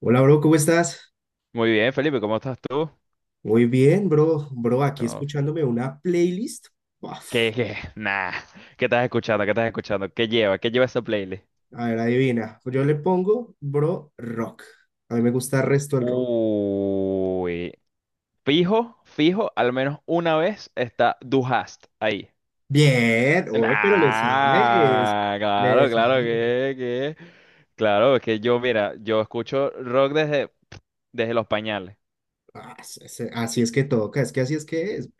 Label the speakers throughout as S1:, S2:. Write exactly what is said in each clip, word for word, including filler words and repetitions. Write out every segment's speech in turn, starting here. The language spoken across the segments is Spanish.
S1: Hola, bro, ¿cómo estás?
S2: Muy bien, Felipe, ¿cómo estás tú?
S1: Muy bien, bro. Bro, aquí
S2: ¿Cómo-
S1: escuchándome una playlist. Uf,
S2: ¿Qué, qué? Nah, ¿qué estás escuchando? ¿Qué estás escuchando? ¿Qué lleva? ¿Qué lleva esa playlist?
S1: a ver, adivina. Yo le pongo, bro, rock. A mí me gusta el resto del rock.
S2: Uy, fijo, fijo, al menos una vez está Du hast ahí.
S1: Bien, oye, pero le sabes.
S2: Nah,
S1: Le
S2: claro, claro
S1: sabes.
S2: que, que, claro, es que yo, mira, yo escucho rock desde, desde los pañales.
S1: Ah, se- se- así es que toca, es que así es que es.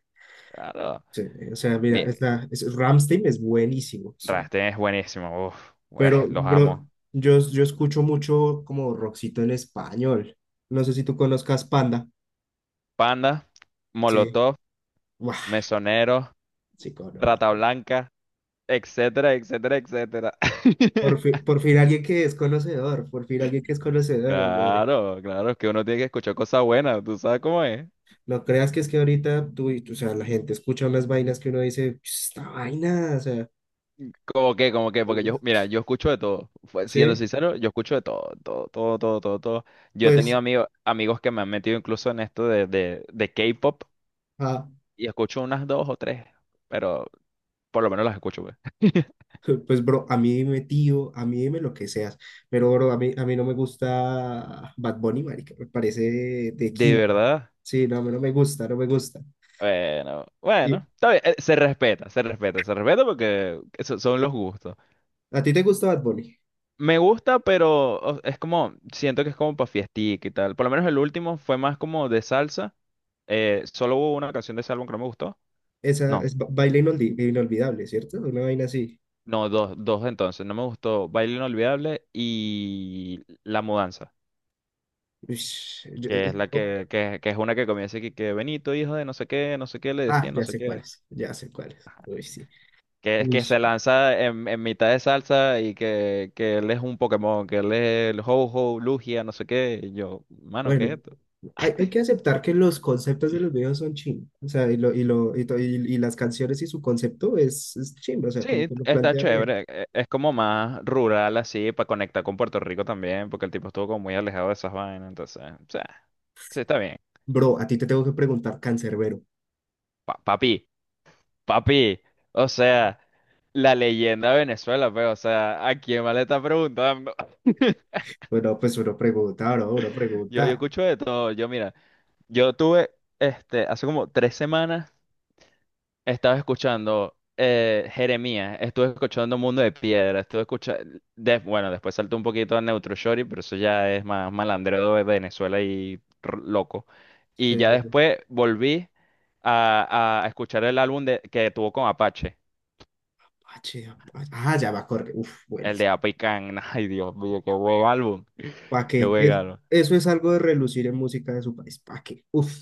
S2: Claro,
S1: Sí, o sea, mira,
S2: mi,
S1: esta, es, Rammstein es buenísimo. O sea,
S2: Rammstein es buenísimo, uf, eh,
S1: pero,
S2: los
S1: bro,
S2: amo.
S1: yo, yo escucho mucho como rockcito en español. No sé si tú conozcas Panda.
S2: Panda,
S1: Sí.
S2: Molotov,
S1: Buah,
S2: Mesonero,
S1: sí,
S2: Rata
S1: conozco.
S2: Blanca. Etcétera, etcétera, etcétera.
S1: Por fin, por fin alguien que es conocedor, por fin alguien que es conocedor. Oye.
S2: Claro, claro, es que uno tiene que escuchar cosas buenas, ¿tú sabes cómo es?
S1: No creas que es que ahorita tú, y- o sea, la gente escucha unas vainas que uno dice, esta vaina, o sea,
S2: Como que, como que, porque yo, mira, yo escucho de todo. Fue- Siendo
S1: sí,
S2: sincero, yo escucho de todo, todo, todo, todo, todo, todo. Yo he
S1: pues,
S2: tenido amigos, amigos que me han metido incluso en esto de, de, de K-pop
S1: ah,
S2: y escucho unas dos o tres, pero por lo menos las escucho, pues.
S1: pues, bro, a mí dime tío, a mí dime lo que seas, pero, bro, a mí, a mí no me gusta Bad Bunny, marica, me parece de
S2: De
S1: quinto.
S2: verdad.
S1: Sí, no, a mí no me gusta, no me gusta.
S2: Bueno,
S1: ¿Y
S2: bueno, está bien, eh, se respeta, se respeta, se respeta porque eso son los gustos.
S1: a ti te gusta Bad Bunny?
S2: Me gusta, pero o- es como, siento que es como para fiestica y tal. Por lo menos el último fue más como de salsa. Eh, solo hubo una canción de ese álbum que no me gustó.
S1: Esa
S2: No,
S1: es ba- baile inoldi- inolvidable, ¿cierto? Una vaina así.
S2: no, dos, dos entonces. No me gustó Baile Inolvidable y La Mudanza,
S1: Ush, yo-
S2: que
S1: es-
S2: es la que, que, que es una que comienza aquí, que Benito, hijo de no sé qué, no sé qué, le
S1: ah,
S2: decía, no
S1: ya
S2: sé
S1: sé
S2: qué.
S1: cuáles, ya sé cuáles. Uy, sí.
S2: Que es
S1: Uy,
S2: que
S1: sí.
S2: se lanza en, en mitad de salsa y que, que él es un Pokémon, que él es el Ho-Ho, Lugia, no sé qué. Y yo, mano, ¿qué
S1: Bueno,
S2: es esto?
S1: hay, hay que aceptar que los conceptos de los videos son ching. O sea, y, lo, y, lo, y, to- y- y las canciones y su concepto es, es chimba, o sea, como
S2: Sí,
S1: que lo
S2: está
S1: plantea bien.
S2: chévere. e- Es como más rural así, para conectar con Puerto Rico también, porque el tipo estuvo como muy alejado de esas vainas. Entonces, o sea, sí, está bien.
S1: Bro, a ti te tengo que preguntar, cancerbero.
S2: Pa- papi, papi. O sea, la leyenda de Venezuela, pues, o sea, ¿a quién más le está preguntando?
S1: Bueno, pues uno pregunta, bro, uno
S2: Yo, yo
S1: pregunta.
S2: escucho de todo. Yo, mira, yo tuve, este, hace como tres semanas. Estaba escuchando eh, Jeremías, estuve escuchando Mundo de Piedra, estuve escuchando, bueno, después saltó un poquito a Neutro Shorty, pero eso ya es más malandreo de Venezuela y r- loco. Y
S1: Sí,
S2: ya
S1: sí, sí.
S2: después volví a, a escuchar el álbum de, que tuvo con Apache,
S1: Apache, Apache. Ah, ya va a correr. Uf,
S2: el de
S1: buenísimo.
S2: Apicán. Ay, Dios mío, qué buen álbum.
S1: ¿Para
S2: Qué
S1: qué?
S2: buen
S1: Es-
S2: álbum.
S1: eso es algo de relucir en música de su país. ¿Para qué? Uf,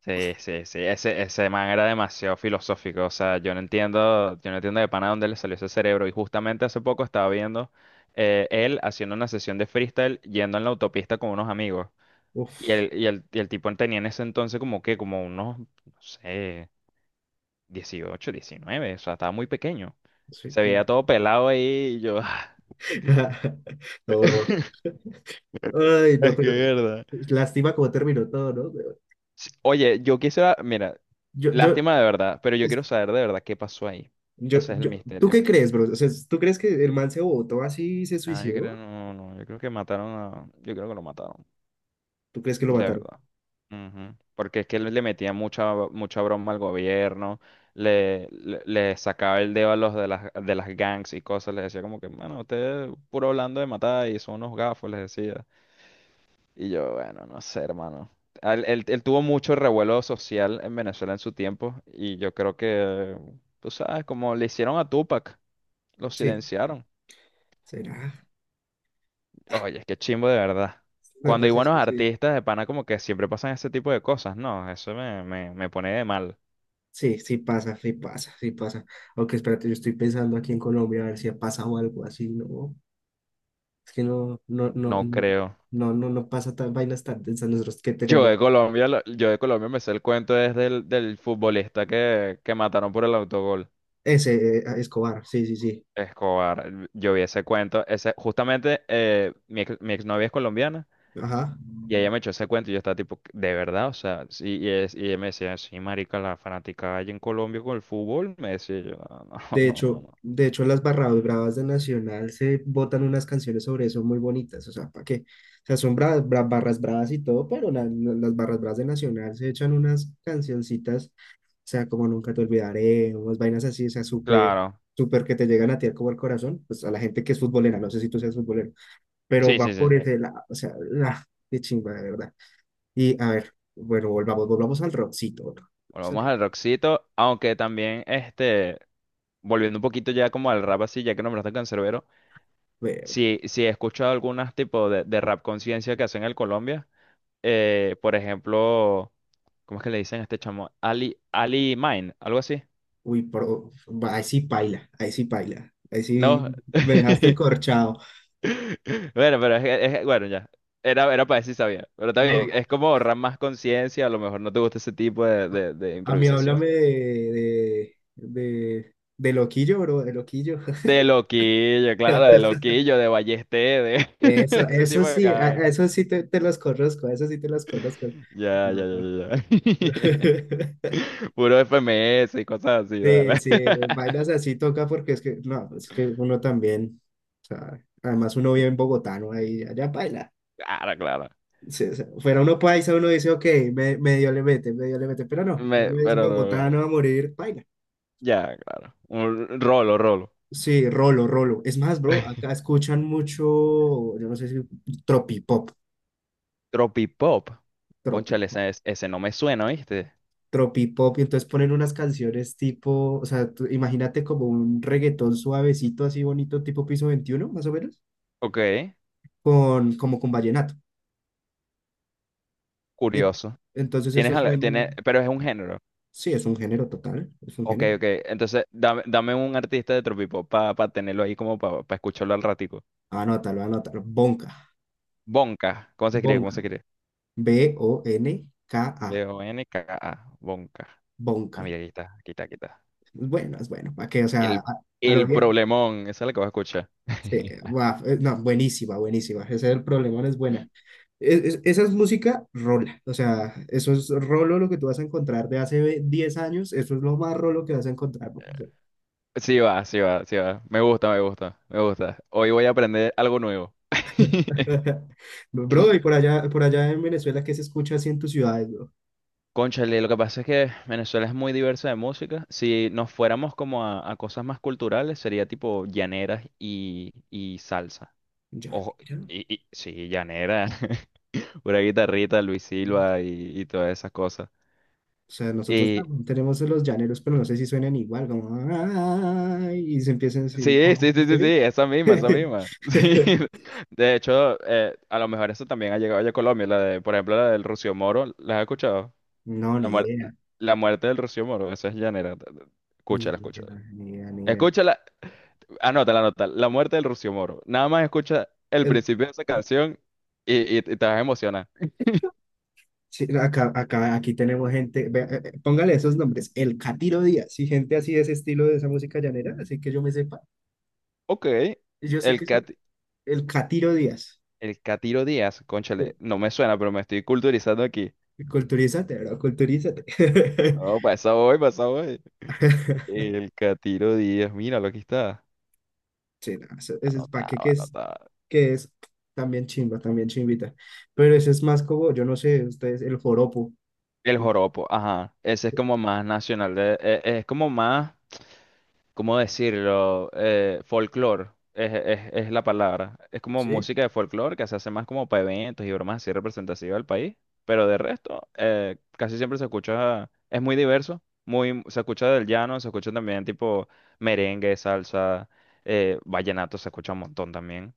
S2: Sí, sí, sí, ese, ese man era demasiado filosófico, o sea, yo no entiendo, yo no entiendo de pana dónde le salió ese cerebro, y justamente hace poco estaba viendo eh, él haciendo una sesión de freestyle yendo en la autopista con unos amigos, y
S1: uf.
S2: el, y el, y el tipo tenía en ese entonces como que, como unos, no sé, dieciocho, diecinueve. O sea, estaba muy pequeño,
S1: Sí.
S2: se veía todo pelado ahí y yo,
S1: No, bro, ay, no,
S2: es
S1: pero
S2: que es verdad.
S1: lástima cómo terminó todo, ¿no? Pero
S2: Sí, oye, yo quisiera, mira,
S1: Yo, yo,
S2: lástima de verdad, pero yo
S1: es-
S2: quiero saber de verdad qué pasó ahí,
S1: yo,
S2: ese es el
S1: yo, ¿tú
S2: misterio.
S1: qué crees, bro? O sea, ¿tú crees que el man se botó así y se
S2: Ah, yo creo,
S1: suicidó?
S2: no, no, yo creo que mataron a, yo creo que lo mataron,
S1: ¿Tú crees que lo
S2: de
S1: mataron?
S2: verdad. Ujú. Porque es que le le metía mucha, mucha broma al gobierno, le, le, le sacaba el dedo a los de las, de las gangs y cosas, les decía como que, mano, ustedes puro hablando de matar y son unos gafos, les decía. Y yo, bueno, no sé, hermano. Al- Él, él tuvo mucho revuelo social en Venezuela en su tiempo y yo creo que, tú sabes, como le hicieron a Tupac, lo
S1: Sí,
S2: silenciaron.
S1: será.
S2: Oye, es que chimbo de verdad.
S1: No,
S2: Cuando hay
S1: pues es
S2: buenos
S1: que sí.
S2: artistas de pana, como que siempre pasan ese tipo de cosas, ¿no? Eso me, me, me pone de mal.
S1: Sí, sí pasa, sí pasa, sí pasa. Aunque espérate, yo estoy pensando aquí en Colombia a ver si ha pasado algo así, ¿no? Es que no, no, no,
S2: No
S1: no,
S2: creo.
S1: no, no, no pasa tan vainas tan densas nosotros que
S2: Yo de
S1: tenemos.
S2: Colombia, lo- yo de Colombia me sé el cuento desde el del futbolista que, que mataron por el autogol.
S1: Ese, eh, Escobar, sí, sí, sí.
S2: Escobar. Yo vi ese cuento. Ese, justamente eh, mi, ex, mi exnovia es colombiana
S1: Ajá.
S2: y ella me echó ese cuento y yo estaba tipo, ¿de verdad? O sea, sí, y, es- y ella me decía, sí, marica, la fanática allá en Colombia con el fútbol. Me decía yo, no, no,
S1: De
S2: no, no.
S1: hecho,
S2: no".
S1: de hecho, en las barradas bravas de Nacional se botan unas canciones sobre eso muy bonitas, o sea, ¿para qué? O sea, son bra- bra- barras bravas y todo, pero la- la- las barras bravas de Nacional se echan unas cancioncitas, o sea, como Nunca te olvidaré, unas vainas así, o sea, súper,
S2: Claro.
S1: súper que te llegan a ti como al corazón, pues a la gente que es futbolera, no sé si tú seas futbolero, pero
S2: Sí,
S1: va
S2: sí, sí.
S1: por ese lado, o sea, ah, qué chimba, de verdad. Y a ver, bueno, volvamos, volvamos al rockcito, volvamos
S2: Bueno,
S1: al
S2: vamos al rockcito, aunque también, este, volviendo un poquito ya como al rap así, ya que nombraste Canserbero,
S1: rock.
S2: sí, sí he escuchado algunas tipos de, de rap conciencia que hacen en Colombia, eh, por ejemplo, ¿cómo es que le dicen a este chamo? Ali, Ali Mine, algo así.
S1: Uy, pero ahí sí paila, ahí sí paila, ahí sí
S2: No,
S1: me dejaste corchado.
S2: bueno, pero es, que- es que- bueno, ya, era, era para decir sabía, pero está bien,
S1: No,
S2: es como rap más conciencia, a lo mejor no te gusta ese tipo de, de de
S1: a mí háblame
S2: improvisación.
S1: de, de, de, de loquillo, bro, de loquillo.
S2: De loquillo, claro, de loquillo, de ballesté, de
S1: Eso,
S2: ese
S1: eso
S2: tipo de
S1: sí, a-
S2: cara.
S1: a eso sí te, te los conozco, eso sí te los conozco.
S2: Ya, ya,
S1: No, no.
S2: ya, ya. Ya. Puro F M S y cosas así, dale.
S1: Sí, sí, vainas así toca porque es que, no, es que uno también, o sea, además uno vive en bogotano, ahí, allá baila.
S2: Claro, claro.
S1: Sí, o fuera uno paisa, uno dice, ok, me- medio le mete, medio le mete, pero no,
S2: Me-
S1: uno es
S2: pero no,
S1: bogotano a morir, paila.
S2: ya, claro. Un rolo, rolo.
S1: Sí, rolo, rolo. Es más, bro, acá escuchan mucho, yo no sé si tropipop,
S2: Tropipop. Cónchale,
S1: tropipop,
S2: ese, es- ese no me suena, ¿viste?
S1: tropipop, y entonces ponen unas canciones tipo, o sea, tú imagínate como un reggaetón suavecito, así bonito, tipo Piso veintiuno más o menos,
S2: Ok,
S1: con, como con vallenato. Y
S2: curioso.
S1: entonces
S2: Tienes,
S1: eso
S2: al-
S1: suena,
S2: tiene, pero es un género.
S1: sí, es un género total, es un
S2: Ok,
S1: género.
S2: ok. Entonces, dame, dame un artista de Tropipop para tenerlo ahí como para escucharlo al ratico.
S1: Anótalo, anótalo, bonca,
S2: Bonka. ¿Cómo se escribe? ¿Cómo
S1: bonca.
S2: se escribe?
S1: B-O-N-K-A.
S2: B O N K A. Bonka. Ah,
S1: Bonka.
S2: mira, aquí está, aquí está, aquí está.
S1: Es bueno, es bueno. ¿Para qué? O sea, a,
S2: El,
S1: a lo
S2: el
S1: bien.
S2: problemón. Esa es la que vas a escuchar.
S1: Sí, guau, eh, no, buenísima, buenísima. Ese es el problema, no es buena. Es- es- esa es música rola. O sea, eso es rolo lo que tú vas a encontrar de hace ve- diez años. Eso es lo más rolo que vas a encontrar. Bro,
S2: Sí va, sí va, sí va. Me gusta, me gusta, me gusta. Hoy voy a aprender algo nuevo.
S1: bro, y por allá, por allá en Venezuela, ¿qué se escucha así en tus ciudades, bro?
S2: Cónchale, lo que pasa es que Venezuela es muy diversa de música. Si nos fuéramos como a, a cosas más culturales, sería tipo llaneras y, y salsa.
S1: Ya,
S2: Ojo,
S1: mira.
S2: y, y- sí, llanera. Una guitarrita, Luis Silva y, y todas esas cosas.
S1: O sea, nosotros
S2: Eh,
S1: también tenemos los llaneros, pero no sé si suenan igual, como "Ay", y se empiezan así.
S2: Sí,
S1: Bueno,
S2: sí, sí, sí, sí,
S1: ¿sí?
S2: esa misma, esa misma. Sí. De hecho, eh, a lo mejor eso también ha llegado ya a Colombia, la de, por ejemplo, la del Rocío Moro, ¿la has escuchado?
S1: No,
S2: La,
S1: ni
S2: muer-
S1: idea,
S2: la muerte del Rocío Moro, esa es llanera.
S1: ni
S2: Escúchala,
S1: idea,
S2: escúchala.
S1: ni idea, ni idea.
S2: Escúchala, anótala, anótala, la muerte del Rocío Moro. Nada más escucha el
S1: El-
S2: principio de esa canción y, y- y te vas a emocionar.
S1: sí, acá, acá, aquí tenemos gente, vea, eh, eh, póngale esos nombres, el Catiro Díaz, y gente así de ese estilo de esa música llanera, así que yo me sepa,
S2: Ok,
S1: y yo sé
S2: el,
S1: que eso,
S2: cat,
S1: el Catiro Díaz.
S2: el Catiro Díaz,
S1: Sí,
S2: cónchale, no me suena, pero me estoy culturizando aquí.
S1: culturízate, bro, culturízate.
S2: Oh, pasa hoy, pasa hoy. El Catiro Díaz, míralo, aquí está.
S1: Sí, no, eso, eso es para qué
S2: Anotado,
S1: que
S2: anotado.
S1: que es también chimba, también chimbita. Pero ese es más como, yo no sé, ustedes, el joropo,
S2: El joropo, ajá. Ese es como más nacional, de- e- es, como más, ¿cómo decirlo? Eh, folclore, es, es- es la palabra. Es como
S1: ¿sí?
S2: música de folclore que se hace más como para eventos y bromas así representativas del país. Pero de resto, eh, casi siempre se escucha, es muy diverso, muy, se escucha del llano, se escucha también tipo merengue, salsa, eh, vallenato, se escucha un montón también.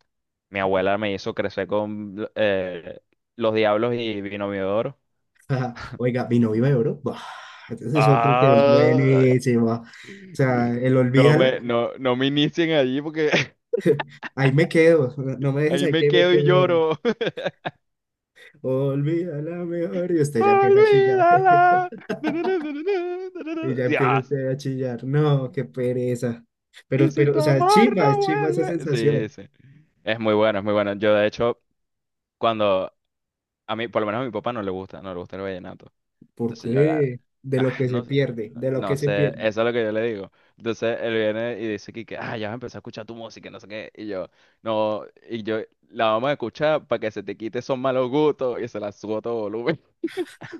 S2: Mi abuela me hizo crecer con eh, Los Diablos y Vino Miodoro.
S1: Ajá. Oiga, mi novio de oro. Buah, entonces es otro que es
S2: Ah,
S1: buenísimo. O sea, el
S2: no
S1: olvídala,
S2: me, no, no me inicien allí porque
S1: ahí me quedo. No me dejes
S2: ahí
S1: ahí
S2: me
S1: que me
S2: quedo
S1: quedo
S2: y
S1: llorando.
S2: lloro.
S1: Olvídala mejor. Y usted ya empieza a chillar.
S2: Olvídala. Na, na, na, na, na, na, na,
S1: Y
S2: na.
S1: ya empieza
S2: Dios.
S1: usted a chillar. No, qué pereza.
S2: Y
S1: Pero,
S2: si
S1: pero,
S2: tu
S1: o sea, es
S2: amor
S1: chimba, es
S2: no
S1: chimba esa
S2: vuelve. Sí,
S1: sensación.
S2: sí. Es muy bueno, es muy bueno. Yo, de hecho, cuando a mí, por lo menos a mi papá no le gusta, no le gusta el vallenato.
S1: ¿Por
S2: Entonces yo agarro.
S1: qué? De lo
S2: Ay,
S1: que se
S2: no,
S1: pierde, de lo que
S2: no
S1: se
S2: sé,
S1: pierde.
S2: eso es lo que yo le digo. Entonces él viene y dice aquí que, ah, ya vas a empezar a escuchar tu música, no sé qué. Y yo, no, y yo, la vamos a escuchar para que se te quite esos malos gustos y se la subo a todo volumen.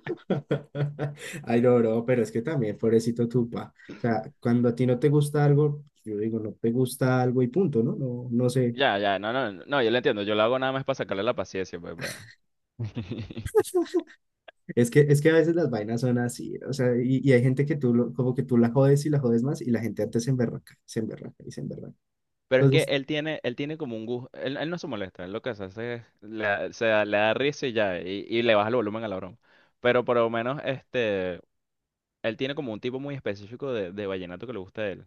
S1: Ay, no, no, pero es que también, pobrecito Tupa. O sea, cuando a ti no te gusta algo, pues, yo digo, no te gusta algo y punto, ¿no? No, no sé.
S2: Ya, ya, no, no, no, no, yo lo entiendo. Yo lo hago nada más para sacarle la paciencia, pues, pa-
S1: Es que, es que a veces las vainas son así, o sea, y, y hay gente que tú, lo- como que tú la jodes y la jodes más, y la gente antes se emberraca, se emberraca y se emberraca.
S2: Pero es que
S1: Entonces,
S2: él tiene, él tiene como un gusto, él, él no se molesta, él lo que hace es, le, da- se da- le da risa y ya, y, y le baja el volumen a la broma. Pero por lo menos, este, él tiene como un tipo muy específico de, de vallenato que le gusta a él.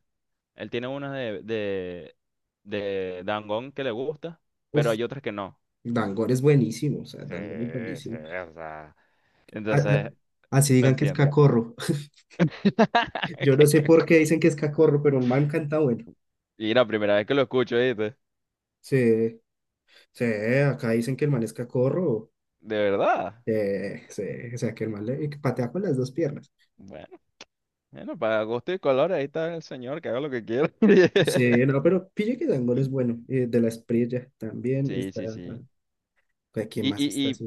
S2: Él tiene unas de, de, de Dangond que le gusta, pero
S1: uff,
S2: hay otras que no.
S1: Dangor es buenísimo, o sea,
S2: Sí,
S1: Dangor es
S2: sí,
S1: buenísimo.
S2: o sea.
S1: A-
S2: Entonces,
S1: a- así
S2: no
S1: digan que es
S2: entiendo.
S1: cacorro. Yo no
S2: Qué
S1: sé por qué
S2: cacor.
S1: dicen que es cacorro, pero un man canta bueno.
S2: Y la primera vez que lo escucho, ¿viste?
S1: Sí, sí, acá dicen que el man es cacorro.
S2: De verdad.
S1: Eh, sí, o sea, que el mal le- que patea con las dos piernas.
S2: Bueno, bueno, para gusto y color, ahí está el señor, que haga lo que quiera.
S1: Sí, no, pero pille que Dangol es bueno. Eh, de la Espriella también
S2: Sí,
S1: está.
S2: sí, sí.
S1: Ah, ¿quién
S2: Y,
S1: más está
S2: y, y,
S1: así?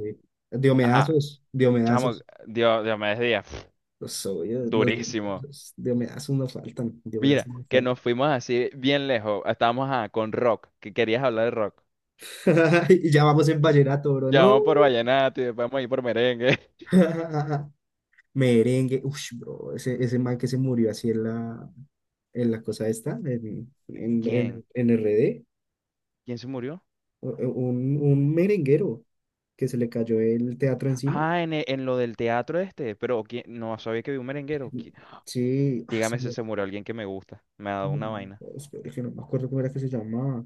S2: ajá,
S1: Diomedazos,
S2: chamo,
S1: Diomedazos.
S2: Dios, Dios me decía,
S1: Los obvios, los
S2: durísimo.
S1: Diomedazos. Diomedazos no faltan, Diomedazos
S2: Mira,
S1: no
S2: que
S1: faltan.
S2: nos fuimos así bien lejos. Estábamos ah, con rock, que querías hablar de rock.
S1: Y ya vamos en vallenato, bro,
S2: Ya
S1: no.
S2: vamos por vallenato y después vamos a ir por merengue.
S1: Merengue, uff, bro, ese, ese man que se murió así en la, en la cosa esta, en, en,
S2: ¿Quién?
S1: en, en R D.
S2: ¿Quién se murió?
S1: eh, un, un merenguero que se le cayó el teatro encima.
S2: Ah, en, e- en lo del teatro este, pero ¿quién? No sabía que vi un merenguero. ¿Qui-
S1: Sí, ah, se
S2: Dígame si
S1: me-
S2: se murió alguien que me gusta. Me ha dado una
S1: no,
S2: vaina.
S1: espere, que no me acuerdo cómo era que se llamaba.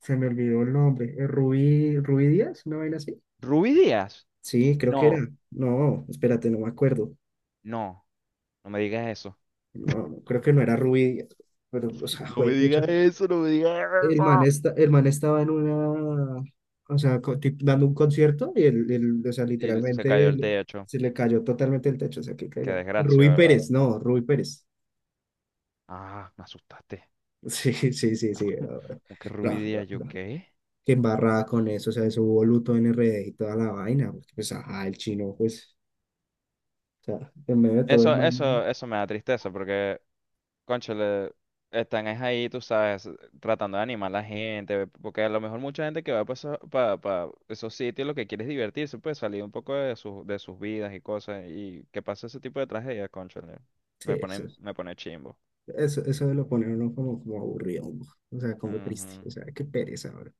S1: Se me olvidó el nombre. Eh, Rubí, Rubí Díaz, una vaina así.
S2: ¿Ruby Díaz?
S1: Sí, creo que
S2: No,
S1: era. No, espérate, no me acuerdo.
S2: no, no me digas eso.
S1: No, no, creo que no era Rubí Díaz, pero, o sea,
S2: No
S1: fue
S2: me
S1: pucha.
S2: digas eso, no me digas
S1: El man,
S2: eso.
S1: esta- el man estaba en una, o sea, co- tip- dando un concierto y el, el- o sea,
S2: Y l- se
S1: literalmente
S2: cayó el
S1: el-
S2: techo.
S1: se le cayó totalmente el techo, o sea, que
S2: Qué
S1: caiga.
S2: desgracia,
S1: Rubí claro.
S2: ¿verdad?
S1: Pérez, no, Rubí Pérez.
S2: Ah, me asustaste.
S1: Sí, sí, sí, sí, bro, bro,
S2: ¿Cómo que Ruby
S1: bro, bro,
S2: Díaz? ¿Yo
S1: bro.
S2: qué?
S1: Qué embarrada con eso, o sea, eso hubo luto en R D y toda la vaina, porque pues, ajá, el chino, pues, o sea, en medio de todo el
S2: Eso,
S1: man,
S2: eso, eso me da tristeza porque, cónchale, están es ahí, tú sabes, tratando de animar a la gente, porque a lo mejor mucha gente que va para esos sitios lo que quiere es divertirse, pues salir un poco de sus, de sus vidas y cosas, y que pasa ese tipo de tragedias, cónchale.
S1: sí,
S2: Me
S1: eso,
S2: pone, me pone chimbo.
S1: eso, eso de lo pone a uno como, como aburrido, bro. O sea, como triste,
S2: Ujú,
S1: o sea, qué pereza, bro.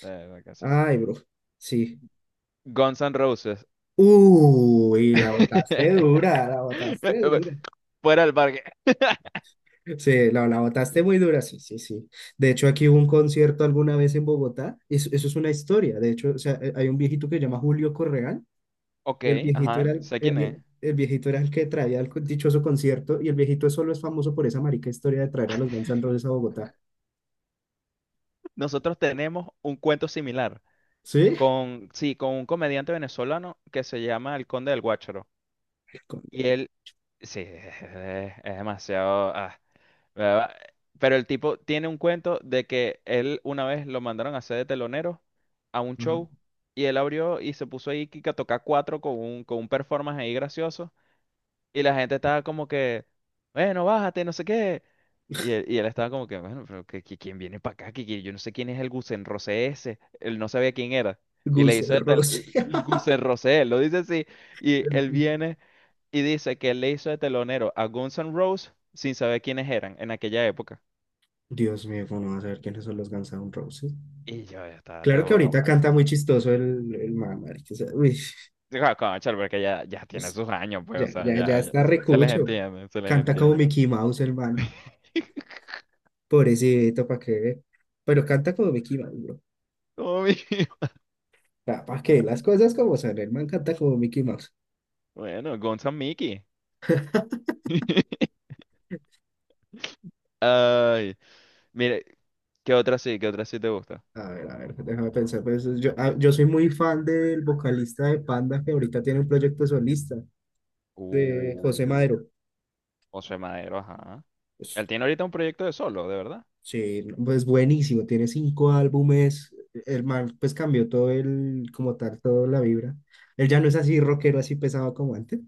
S2: de verdad que sí.
S1: Ay, bro, sí.
S2: Guns N' Roses.
S1: Uy, la botaste dura, la botaste dura.
S2: Fuera del parque.
S1: Sí, la, la botaste muy dura, sí, sí, sí. De hecho, aquí hubo un concierto alguna vez en Bogotá, eso, eso es una historia, de hecho, o sea, eh, hay un viejito que se llama Julio Correal.
S2: Ok,
S1: Y el viejito
S2: ajá,
S1: era el,
S2: sé
S1: el
S2: quién es.
S1: vie- el viejito era el que traía el dichoso concierto y el viejito solo es famoso por esa marica historia de traer a los Guns N' Roses a Bogotá.
S2: Nosotros tenemos un cuento similar.
S1: ¿Sí?
S2: Con, sí, con un comediante venezolano que se llama El Conde del Guácharo.
S1: Con-
S2: Y él, sí, es, es- es demasiado... ah, ¿verdad? Pero el tipo tiene un cuento de que él una vez lo mandaron a hacer de telonero a un show
S1: ajá.
S2: y él abrió y se puso ahí que a tocar cuatro con un, con un performance ahí gracioso. Y la gente estaba como que, bueno, bájate, no sé qué. Y él, y él estaba como que, bueno, pero que, que- ¿quién viene para acá? Que, que yo no sé quién es el Gusenrosé ese. Él no sabía quién era. Y le
S1: Guns N'
S2: hizo de tel-
S1: Roses.
S2: El Gusenrosé, él lo dice así. Y él
S1: El-
S2: viene y dice que él le hizo de telonero a Guns N' Roses sin saber quiénes eran en aquella época.
S1: Dios mío, ¿cómo no va a saber quiénes son los Guns N' Roses?
S2: Y yo ya estaba,
S1: Claro que
S2: tipo, no, no.
S1: ahorita
S2: O sea,
S1: canta muy chistoso el, el man, marica, o sea, uy,
S2: digo, conchale, porque ya, ya tiene
S1: es-
S2: sus años, pues,
S1: ya,
S2: o sea,
S1: ya, ya
S2: ya,
S1: está
S2: ya- se, se les
S1: recucho.
S2: entiende, se les
S1: Canta como
S2: entiende.
S1: Mickey Mouse el man. Pobrecito, ¿para qué? Pero canta como Mickey Mouse, bro.
S2: Como mi-
S1: ¿Para qué? Las cosas como son, el man canta como Mickey Mouse.
S2: Bueno, Guns N' Mickey. Ay, mire, ¿qué otra sí? ¿Qué otra sí te gusta?
S1: A ver, a ver, déjame pensar. Pues, yo, ah, yo soy muy fan del vocalista de Panda que ahorita tiene un proyecto solista de José
S2: Uh,
S1: Madero.
S2: José Madero, ajá.
S1: Pues,
S2: Él tiene ahorita un proyecto de solo, ¿de verdad?
S1: sí, no, pues buenísimo, tiene cinco álbumes. El man pues cambió todo el, como tal, toda la vibra. Él ya no es así rockero, así pesado como antes.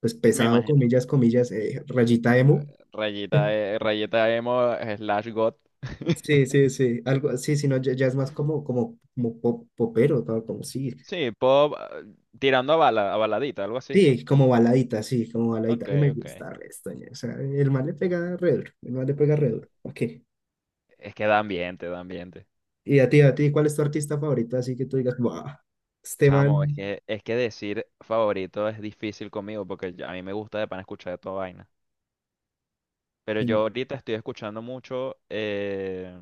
S1: Pues
S2: Me
S1: pesado,
S2: imagino.
S1: comillas, comillas, eh, rayita
S2: Eh,
S1: emo.
S2: Rayita, eh, Rayita emo eh, slash got.
S1: Sí, sí, sí, algo, sí, sí, no, ya, ya es más como, como, como pop, popero, tal, como sí.
S2: Sí, pop eh, tirando a bala, a baladita, algo así.
S1: Sí, como baladita, sí, como baladita.
S2: Ok,
S1: Y me
S2: ok.
S1: gusta resto, ñe. O sea, el man le pega re duro, el man le pega
S2: Eh,
S1: re duro. Ok.
S2: Es que da ambiente, da ambiente.
S1: Y a ti, a ti, ¿cuál es tu artista favorito? Así que tú digas, wow, este
S2: Chamo, es
S1: man,
S2: que, es que decir favorito es difícil conmigo porque yo- a mí me gusta de pan escuchar de toda vaina. Pero yo
S1: mm,
S2: ahorita estoy escuchando mucho. eh,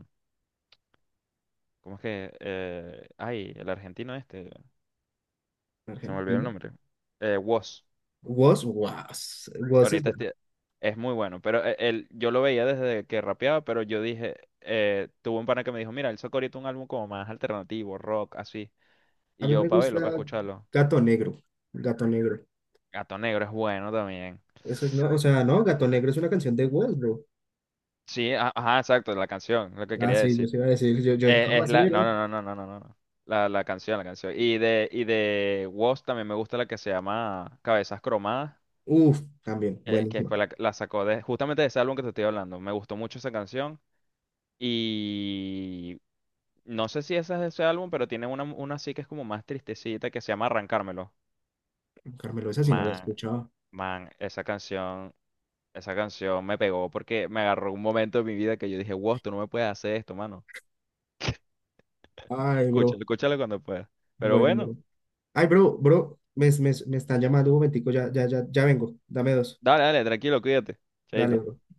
S2: ¿Cómo es que? Eh, ay, el argentino este, se me olvidó el
S1: argentino.
S2: nombre. Eh, Wos.
S1: Woz, Woz, Woz es
S2: Ahorita
S1: bueno.
S2: este- es muy bueno, pero e- él, yo lo veía desde que rapeaba, pero yo dije, eh, tuve un pana que me dijo, mira, él sacó ahorita un álbum como más alternativo, rock, así.
S1: A
S2: Y
S1: mí
S2: yo,
S1: me
S2: para verlo, para
S1: gusta
S2: escucharlo.
S1: Gato Negro, Gato Negro.
S2: Gato Negro es bueno también.
S1: Eso es, no, o sea, no, Gato Negro es una canción de Woz, bro.
S2: Sí, a- ajá, exacto, la canción, lo que
S1: Ah,
S2: quería
S1: sí, yo
S2: decir.
S1: se iba a decir, yo, yo dije,
S2: Eh,
S1: ¿cómo
S2: es
S1: así,
S2: la, no,
S1: bro?
S2: no, no, no, no, no, no. La, la canción, la canción. Y de, y de Wos también me gusta la que se llama Cabezas Cromadas.
S1: Uf, también,
S2: que, que
S1: buenísima.
S2: fue la, la sacó de, justamente de ese álbum que te estoy hablando. Me gustó mucho esa canción y no sé si esa es de ese álbum, pero tiene una, una sí que es como más tristecita que se llama Arrancármelo.
S1: Carmelo, esa sí no la he
S2: Man,
S1: escuchado.
S2: man, esa canción, esa canción me pegó porque me agarró un momento de mi vida que yo dije, wow, tú no me puedes hacer esto, mano.
S1: Ay,
S2: Escúchalo,
S1: bro,
S2: escúchalo cuando puedas. Pero bueno,
S1: bueno, ay, bro, bro, me, me, me están llamando un momentico, ya, ya, ya, ya vengo. Dame dos.
S2: dale, dale, tranquilo, cuídate.
S1: Dale,
S2: Chaito.
S1: bro.